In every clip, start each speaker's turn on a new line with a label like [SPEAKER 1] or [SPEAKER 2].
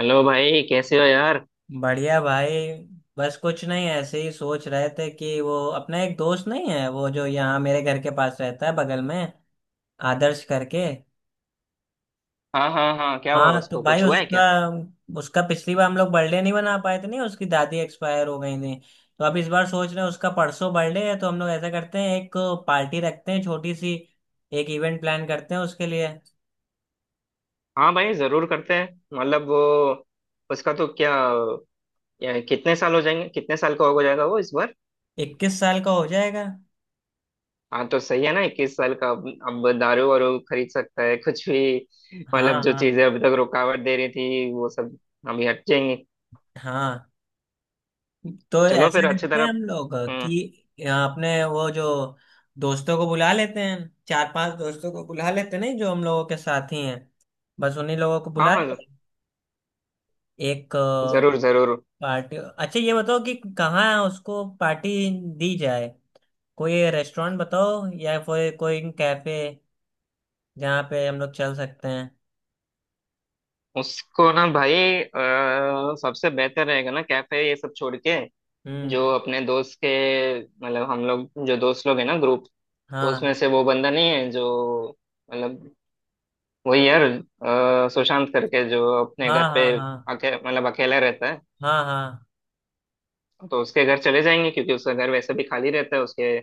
[SPEAKER 1] Hello भाई, कैसे हो यार?
[SPEAKER 2] बढ़िया भाई। बस कुछ नहीं, ऐसे ही सोच रहे थे कि वो अपना एक दोस्त नहीं है, वो जो यहाँ मेरे घर के पास रहता है, बगल में, आदर्श करके।
[SPEAKER 1] हाँ, हाँ, हाँ, क्या हुआ?
[SPEAKER 2] हाँ तो
[SPEAKER 1] उसको
[SPEAKER 2] भाई
[SPEAKER 1] कुछ हुआ है
[SPEAKER 2] उसका
[SPEAKER 1] क्या?
[SPEAKER 2] उसका पिछली बार हम लोग बर्थडे नहीं बना पाए थे, नहीं उसकी दादी एक्सपायर हो गई थी। तो अब इस बार सोच रहे हैं, उसका परसों बर्थडे है, तो हम लोग ऐसा करते हैं एक पार्टी रखते हैं छोटी सी, एक इवेंट प्लान करते हैं उसके लिए।
[SPEAKER 1] हाँ भाई, जरूर करते हैं। मतलब वो, उसका तो क्या, या कितने साल हो जाएंगे, कितने साल का हो जाएगा वो इस बार?
[SPEAKER 2] 21 साल का हो जाएगा।
[SPEAKER 1] हाँ तो सही है ना, 21 साल का। अब दारू वारू खरीद सकता है कुछ भी।
[SPEAKER 2] हाँ
[SPEAKER 1] मतलब जो
[SPEAKER 2] हाँ
[SPEAKER 1] चीजें अभी तक रुकावट दे रही थी वो सब अभी हट जाएंगी।
[SPEAKER 2] हाँ, तो
[SPEAKER 1] चलो
[SPEAKER 2] ऐसा
[SPEAKER 1] फिर अच्छी
[SPEAKER 2] करते हैं
[SPEAKER 1] तरह।
[SPEAKER 2] हम लोग
[SPEAKER 1] हम्म।
[SPEAKER 2] कि अपने वो जो दोस्तों को बुला लेते हैं, चार पांच दोस्तों को बुला लेते हैं, नहीं जो हम लोगों के साथी हैं, बस उन्हीं लोगों को
[SPEAKER 1] हाँ
[SPEAKER 2] बुला
[SPEAKER 1] हाँ,
[SPEAKER 2] के एक
[SPEAKER 1] जरूर जरूर।
[SPEAKER 2] पार्टी। अच्छा ये बताओ कि कहाँ उसको पार्टी दी जाए, कोई रेस्टोरेंट बताओ या कोई कोई कैफे जहाँ पे हम लोग चल सकते हैं।
[SPEAKER 1] उसको ना भाई, सबसे बेहतर रहेगा ना, कैफे ये सब छोड़ के,
[SPEAKER 2] हम्म।
[SPEAKER 1] जो अपने दोस्त के, मतलब हम लोग जो दोस्त लोग हैं ना ग्रुप, तो उसमें
[SPEAKER 2] हाँ
[SPEAKER 1] से वो बंदा नहीं है जो, मतलब, वही यार सुशांत करके, जो अपने
[SPEAKER 2] हाँ
[SPEAKER 1] घर पे
[SPEAKER 2] हाँ। हाँ
[SPEAKER 1] मतलब अकेला रहता है।
[SPEAKER 2] हाँ हाँ
[SPEAKER 1] तो उसके घर चले जाएंगे, क्योंकि उसका घर वैसे भी खाली रहता है, उसके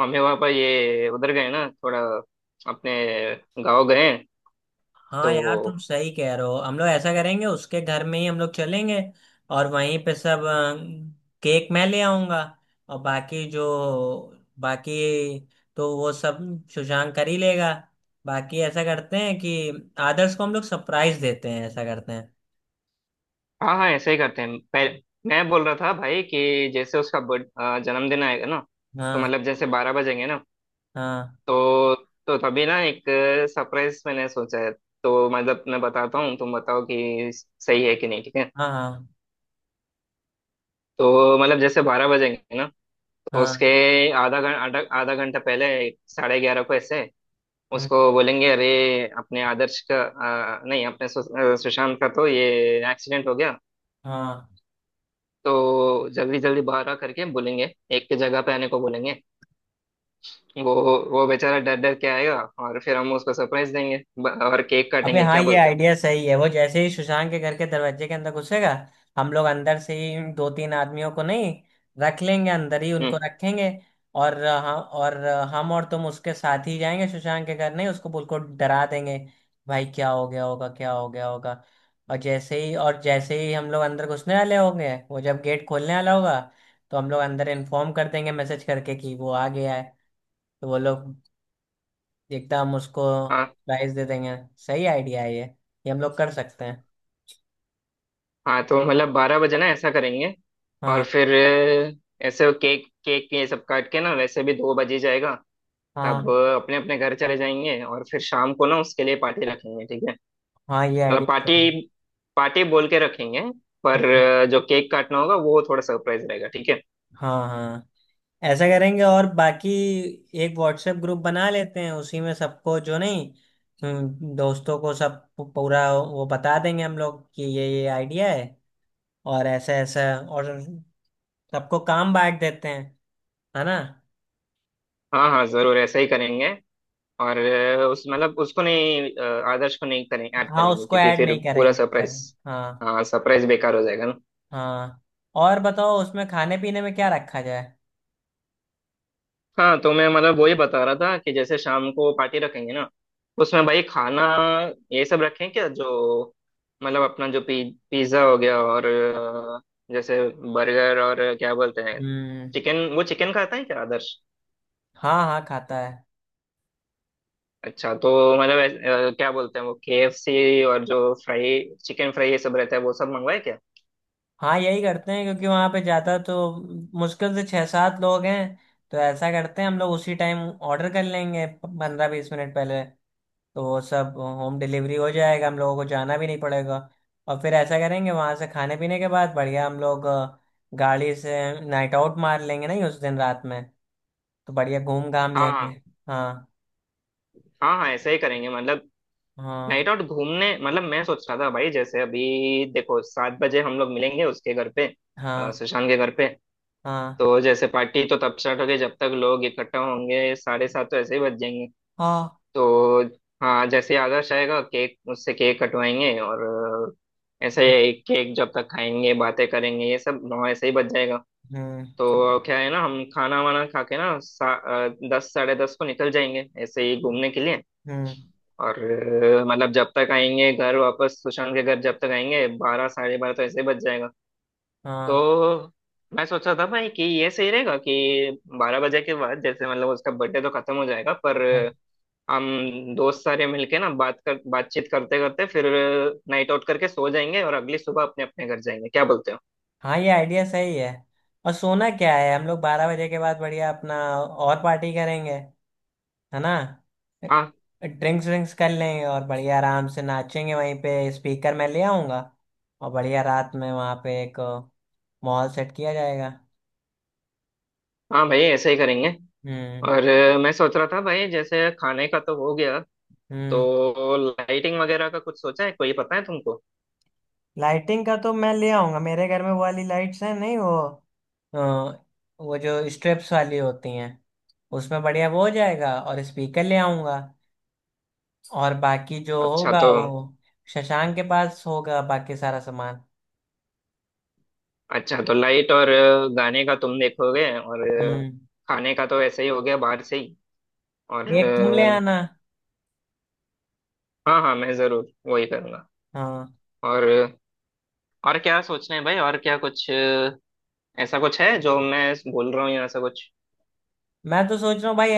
[SPEAKER 1] मम्मी पापा ये उधर गए ना, थोड़ा अपने गांव गए हैं।
[SPEAKER 2] हाँ यार तुम
[SPEAKER 1] तो
[SPEAKER 2] सही कह रहे हो, हम लोग ऐसा करेंगे, उसके घर में ही हम लोग चलेंगे। और वहीं पे सब केक मैं ले आऊंगा और बाकी जो बाकी तो वो सब सुशांक कर ही लेगा। बाकी ऐसा करते हैं कि आदर्श को हम लोग सरप्राइज देते हैं, ऐसा करते हैं।
[SPEAKER 1] हाँ हाँ, ऐसे ही करते हैं पहले। मैं बोल रहा था भाई कि जैसे उसका जन्मदिन आएगा ना, तो
[SPEAKER 2] हाँ
[SPEAKER 1] मतलब जैसे 12 बजेंगे ना,
[SPEAKER 2] हाँ
[SPEAKER 1] तो तो तभी ना एक सरप्राइज मैंने सोचा है। तो मतलब मैं बताता हूँ, तुम बताओ कि सही है कि नहीं, ठीक है?
[SPEAKER 2] हाँ। हाँ
[SPEAKER 1] तो मतलब जैसे बारह बजेंगे ना, तो उसके
[SPEAKER 2] हाँ।
[SPEAKER 1] आधा घं- आधा आधा घंटा पहले, 11:30 को ऐसे
[SPEAKER 2] हम्म।
[SPEAKER 1] उसको बोलेंगे, अरे, अपने आदर्श का नहीं, अपने सुशांत का तो ये एक्सीडेंट हो गया,
[SPEAKER 2] हाँ।
[SPEAKER 1] तो जल्दी जल्दी बाहर आ करके बोलेंगे, एक की जगह पे आने को बोलेंगे। वो वो बेचारा डर डर के आएगा, और फिर हम उसको सरप्राइज देंगे, और केक
[SPEAKER 2] अबे
[SPEAKER 1] काटेंगे।
[SPEAKER 2] हाँ,
[SPEAKER 1] क्या
[SPEAKER 2] ये
[SPEAKER 1] बोलते हो?
[SPEAKER 2] आइडिया सही है, वो जैसे ही सुशांत के घर के दरवाजे के अंदर घुसेगा, हम लोग अंदर से ही दो तीन आदमियों को नहीं रख लेंगे, अंदर ही
[SPEAKER 1] हम्म।
[SPEAKER 2] उनको रखेंगे। और हम और तुम उसके साथ ही जाएंगे सुशांत के घर, नहीं उसको बिल्कुल डरा देंगे, भाई क्या हो गया होगा क्या हो गया होगा। और जैसे ही हम लोग अंदर घुसने वाले होंगे, वो जब गेट खोलने वाला होगा, तो हम लोग अंदर इन्फॉर्म कर देंगे, मैसेज करके कि वो आ गया है, तो वो लोग एकदम हम उसको
[SPEAKER 1] हाँ।
[SPEAKER 2] प्राइस दे देंगे। सही आइडिया है ये हम लोग कर सकते हैं।
[SPEAKER 1] हाँ तो मतलब 12 बजे ना ऐसा करेंगे, और
[SPEAKER 2] हाँ
[SPEAKER 1] फिर ऐसे केक केक ये सब काट के ना वैसे भी 2 बजे जाएगा। तब
[SPEAKER 2] हाँ
[SPEAKER 1] अपने अपने घर चले जाएंगे, और फिर शाम को ना उसके लिए पार्टी रखेंगे, ठीक है?
[SPEAKER 2] हाँ, ये
[SPEAKER 1] मतलब
[SPEAKER 2] आइडिया सही है।
[SPEAKER 1] पार्टी पार्टी बोल के रखेंगे, पर
[SPEAKER 2] हम्म।
[SPEAKER 1] जो केक काटना होगा वो थोड़ा सरप्राइज रहेगा, ठीक है?
[SPEAKER 2] हाँ हाँ, ऐसा करेंगे। और बाकी एक व्हाट्सएप ग्रुप बना लेते हैं, उसी में सबको जो नहीं, दोस्तों को सब पूरा वो बता देंगे हम लोग कि ये आइडिया है और ऐसा ऐसा, और सबको काम बांट देते हैं, है ना।
[SPEAKER 1] हाँ हाँ, जरूर ऐसा ही करेंगे। और उस मतलब उसको नहीं, आदर्श को नहीं करें ऐड
[SPEAKER 2] हाँ
[SPEAKER 1] करेंगे,
[SPEAKER 2] उसको
[SPEAKER 1] क्योंकि
[SPEAKER 2] ऐड
[SPEAKER 1] फिर
[SPEAKER 2] नहीं
[SPEAKER 1] पूरा
[SPEAKER 2] करेंगे।
[SPEAKER 1] सरप्राइज।
[SPEAKER 2] हाँ।
[SPEAKER 1] हाँ, सरप्राइज बेकार हो जाएगा।
[SPEAKER 2] हाँ और बताओ उसमें खाने पीने में क्या रखा जाए।
[SPEAKER 1] हाँ तो मैं, मतलब, वही बता रहा था कि जैसे शाम को पार्टी रखेंगे ना उसमें भाई खाना ये सब रखें क्या, जो मतलब अपना जो पिज्ज़ा हो गया और जैसे बर्गर, और क्या बोलते हैं
[SPEAKER 2] हम्म।
[SPEAKER 1] चिकन, वो चिकन खाता है क्या आदर्श?
[SPEAKER 2] हाँ हाँ खाता है।
[SPEAKER 1] अच्छा तो मतलब क्या बोलते हैं वो केएफसी, और जो फ्राई, चिकन फ्राई ये सब रहता है वो सब मंगवाए क्या?
[SPEAKER 2] हाँ यही करते हैं क्योंकि वहां पे ज्यादा तो मुश्किल से छह सात लोग हैं। तो ऐसा करते हैं हम लोग उसी टाइम ऑर्डर कर लेंगे 15-20 मिनट पहले, तो वो सब होम डिलीवरी हो जाएगा, हम लोगों को जाना भी नहीं पड़ेगा। और फिर ऐसा करेंगे वहां से खाने पीने के बाद बढ़िया हम लोग गाड़ी से नाइट आउट मार लेंगे, नहीं उस दिन रात में, तो बढ़िया घूम घाम
[SPEAKER 1] हाँ
[SPEAKER 2] लेंगे।
[SPEAKER 1] हाँ।
[SPEAKER 2] हाँ
[SPEAKER 1] हाँ हाँ, ऐसे ही करेंगे। मतलब
[SPEAKER 2] हाँ
[SPEAKER 1] नाइट आउट घूमने, मतलब मैं सोच रहा था भाई जैसे अभी देखो 7 बजे हम लोग मिलेंगे उसके घर पे,
[SPEAKER 2] हाँ।
[SPEAKER 1] सुशांत के घर पे।
[SPEAKER 2] हाँ
[SPEAKER 1] तो जैसे पार्टी तो तब स्टार्ट होगी, जब तक लोग इकट्ठा होंगे 7:30 तो ऐसे ही बज जाएंगे।
[SPEAKER 2] हाँ।
[SPEAKER 1] तो हाँ, जैसे ही आदर्श आएगा केक उससे केक कटवाएंगे, और ऐसे ही केक जब तक खाएंगे, बातें करेंगे ये सब, 9 ऐसे ही बज जाएगा।
[SPEAKER 2] हम्म।
[SPEAKER 1] तो क्या है ना, हम खाना वाना खा के ना 10 10:30 को निकल जाएंगे ऐसे ही घूमने के लिए।
[SPEAKER 2] हम्म।
[SPEAKER 1] और मतलब जब तक आएंगे घर वापस, सुशांत के घर जब तक आएंगे, 12 12:30 तो ऐसे ही बज जाएगा।
[SPEAKER 2] हाँ
[SPEAKER 1] तो मैं सोच रहा था भाई कि ये सही रहेगा कि 12 बजे के बाद जैसे मतलब उसका बर्थडे तो खत्म हो जाएगा, पर हम दोस्त सारे मिलके ना बातचीत करते करते फिर नाइट आउट करके सो जाएंगे, और अगली सुबह अपने अपने घर जाएंगे, क्या बोलते हो?
[SPEAKER 2] हाँ ये आइडिया सही है। और सोना क्या है, हम लोग 12 बजे के बाद बढ़िया अपना और पार्टी करेंगे, है ना।
[SPEAKER 1] हाँ
[SPEAKER 2] ड्रिंक्स ड्रिंक्स कर लेंगे और बढ़िया आराम से नाचेंगे वहीं पे। स्पीकर मैं ले आऊंगा और बढ़िया रात में वहाँ पे एक मॉल सेट किया जाएगा।
[SPEAKER 1] हाँ भाई, ऐसे ही करेंगे।
[SPEAKER 2] हम्म।
[SPEAKER 1] और मैं सोच रहा था भाई जैसे खाने का तो हो गया,
[SPEAKER 2] हम्म।
[SPEAKER 1] तो लाइटिंग वगैरह का कुछ सोचा है, कोई पता है तुमको?
[SPEAKER 2] लाइटिंग का तो मैं ले आऊंगा, मेरे घर में वो वाली लाइट्स हैं नहीं वो, अ, वो जो स्ट्रिप्स वाली होती हैं, उसमें बढ़िया वो हो जाएगा, और स्पीकर ले आऊंगा। और बाकी जो
[SPEAKER 1] अच्छा
[SPEAKER 2] होगा
[SPEAKER 1] तो
[SPEAKER 2] वो शशांक के पास होगा, बाकी सारा सामान।
[SPEAKER 1] अच्छा तो लाइट और गाने का तुम देखोगे, और अ,
[SPEAKER 2] हम्म।
[SPEAKER 1] खाने का तो ऐसे ही हो गया बाहर से ही। और
[SPEAKER 2] एक तुम ले आना।
[SPEAKER 1] हाँ हाँ, मैं जरूर वही करूँगा।
[SPEAKER 2] हाँ
[SPEAKER 1] और और क्या सोच रहे हैं भाई, और क्या कुछ ऐसा कुछ है जो मैं बोल रहा हूँ, या ऐसा कुछ?
[SPEAKER 2] मैं तो सोच रहा हूँ भाई,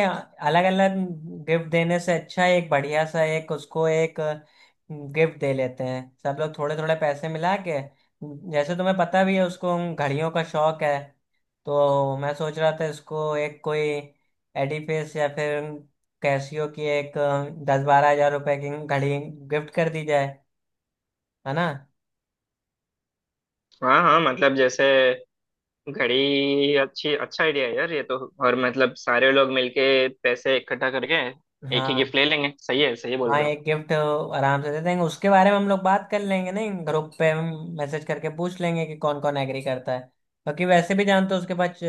[SPEAKER 2] अलग अलग गिफ्ट देने से अच्छा है एक बढ़िया सा एक उसको एक गिफ्ट दे लेते हैं, सब लोग थोड़े थोड़े पैसे मिला के। जैसे तुम्हें पता भी है उसको घड़ियों का शौक है, तो मैं सोच रहा था इसको एक कोई एडिफिस या फिर कैसियो की एक 10-12 हज़ार रुपए की घड़ी गिफ्ट कर दी जाए, है ना।
[SPEAKER 1] हाँ हाँ, मतलब जैसे घड़ी अच्छी, अच्छा आइडिया है यार ये तो। और मतलब सारे लोग मिलके पैसे इकट्ठा करके एक ही
[SPEAKER 2] हाँ,
[SPEAKER 1] गिफ्ट ले लेंगे, सही है? सही बोल
[SPEAKER 2] हाँ
[SPEAKER 1] रहा हूँ?
[SPEAKER 2] एक गिफ्ट आराम से दे देंगे, उसके बारे में हम लोग बात कर लेंगे नहीं ग्रुप पे, हम मैसेज करके पूछ लेंगे कि कौन कौन एग्री करता है। क्योंकि वैसे भी जानते हो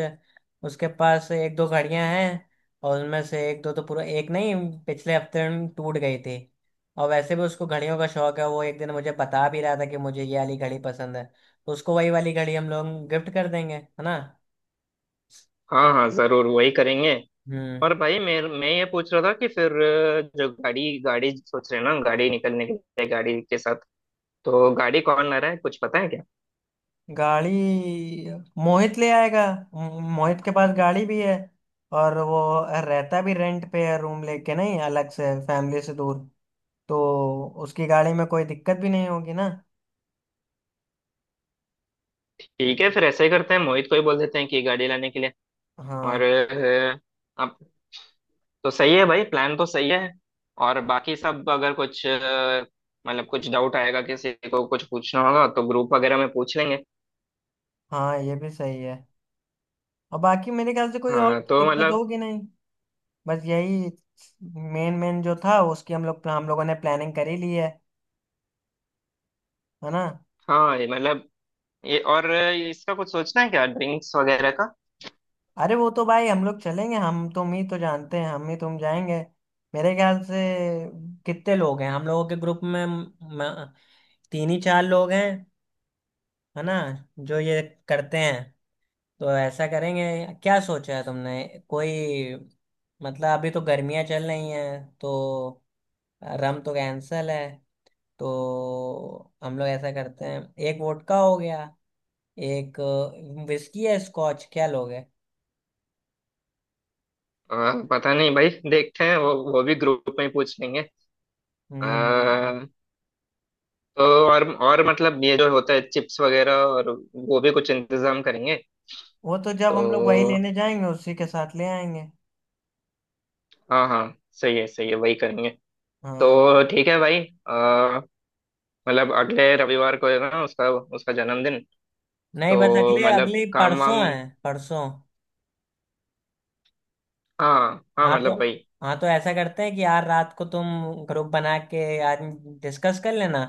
[SPEAKER 2] उसके पास एक दो घड़ियां हैं, और उनमें से एक दो तो पूरा एक नहीं, पिछले हफ्ते टूट गई थी। और वैसे भी उसको घड़ियों का शौक है, वो एक दिन मुझे बता भी रहा था कि मुझे ये वाली घड़ी पसंद है, तो उसको वही वाली घड़ी हम लोग गिफ्ट कर देंगे, है ना।
[SPEAKER 1] हाँ हाँ, जरूर वही करेंगे।
[SPEAKER 2] हम्म।
[SPEAKER 1] और भाई मैं ये पूछ रहा था कि फिर जो गाड़ी गाड़ी सोच रहे हैं ना, गाड़ी निकलने के लिए, गाड़ी के साथ, तो गाड़ी कौन ला रहा है, कुछ पता है क्या?
[SPEAKER 2] गाड़ी मोहित ले आएगा, मोहित के पास गाड़ी भी है, और वो रहता भी रेंट पे है रूम लेके, नहीं अलग से फैमिली से दूर, तो उसकी गाड़ी में कोई दिक्कत भी नहीं होगी ना।
[SPEAKER 1] ठीक है, फिर ऐसे ही करते हैं, मोहित को ही बोल देते हैं कि गाड़ी लाने के लिए। और
[SPEAKER 2] हाँ।
[SPEAKER 1] अब तो सही है भाई, प्लान तो सही है। और बाकी सब, अगर कुछ मतलब कुछ डाउट आएगा, किसी को कुछ पूछना होगा, तो ग्रुप वगैरह में पूछ लेंगे।
[SPEAKER 2] हाँ ये भी सही है, और बाकी मेरे ख्याल से कोई और
[SPEAKER 1] हाँ तो
[SPEAKER 2] दिक्कत
[SPEAKER 1] मतलब,
[SPEAKER 2] होगी नहीं, बस यही मेन मेन जो था उसकी हम लोगों ने प्लानिंग कर ही ली है ना।
[SPEAKER 1] हाँ ये मतलब, ये और इसका कुछ सोचना है क्या, ड्रिंक्स वगैरह का?
[SPEAKER 2] अरे वो तो भाई हम लोग चलेंगे, हम तुम ही तो जानते हैं, हम ही तुम जाएंगे, मेरे ख्याल से कितने लोग हैं हम लोगों के ग्रुप में, तीन ही चार लोग हैं, है ना, जो ये करते हैं, तो ऐसा करेंगे। क्या सोचा है तुमने, कोई, मतलब अभी तो गर्मियां चल रही हैं, तो रम तो कैंसल है, तो हम लोग ऐसा करते हैं, एक वोडका हो गया, एक विस्की है, स्कॉच क्या लोगे।
[SPEAKER 1] हाँ पता नहीं भाई, देखते हैं, वो भी ग्रुप में ही पूछ लेंगे। आ,
[SPEAKER 2] हम्म।
[SPEAKER 1] तो और मतलब ये जो होता है चिप्स वगैरह, और वो भी कुछ इंतजाम करेंगे।
[SPEAKER 2] वो तो जब हम लोग वही
[SPEAKER 1] तो
[SPEAKER 2] लेने जाएंगे उसी के साथ ले आएंगे।
[SPEAKER 1] हाँ हाँ, सही है सही है, वही करेंगे।
[SPEAKER 2] हाँ।
[SPEAKER 1] तो ठीक है भाई। आ, मतलब अगले रविवार को है ना उसका उसका जन्मदिन?
[SPEAKER 2] नहीं बस
[SPEAKER 1] तो
[SPEAKER 2] अगले
[SPEAKER 1] मतलब
[SPEAKER 2] अगले
[SPEAKER 1] काम
[SPEAKER 2] परसों
[SPEAKER 1] वाम,
[SPEAKER 2] है। परसों।
[SPEAKER 1] हाँ हाँ
[SPEAKER 2] हाँ तो
[SPEAKER 1] मतलब भाई,
[SPEAKER 2] ऐसा करते हैं कि यार रात को तुम ग्रुप बना के यार डिस्कस कर लेना,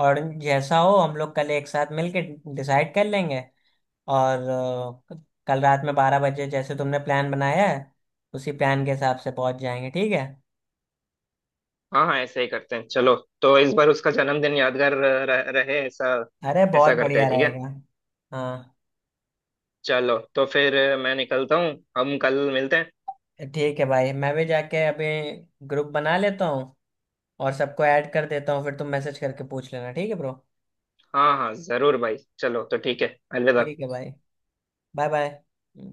[SPEAKER 2] और जैसा हो हम लोग कल एक साथ मिलके डिसाइड कर लेंगे, और अ, कल रात में 12 बजे जैसे तुमने प्लान बनाया है, उसी प्लान के हिसाब से पहुंच जाएंगे, ठीक है।
[SPEAKER 1] हाँ हाँ ऐसे ही करते हैं। चलो, तो इस बार उसका जन्मदिन यादगार रहे, ऐसा
[SPEAKER 2] अरे बहुत
[SPEAKER 1] ऐसा करते
[SPEAKER 2] बढ़िया
[SPEAKER 1] हैं, ठीक है?
[SPEAKER 2] रहेगा। हाँ।
[SPEAKER 1] चलो तो फिर मैं निकलता हूँ, हम कल मिलते हैं।
[SPEAKER 2] ठीक है भाई, मैं भी जाके अभी ग्रुप बना लेता हूँ और सबको ऐड कर देता हूँ, फिर तुम मैसेज करके पूछ लेना, ठीक है ब्रो।
[SPEAKER 1] हाँ हाँ जरूर भाई, चलो तो ठीक है, अलविदा।
[SPEAKER 2] ठीक है भाई। Bye bye.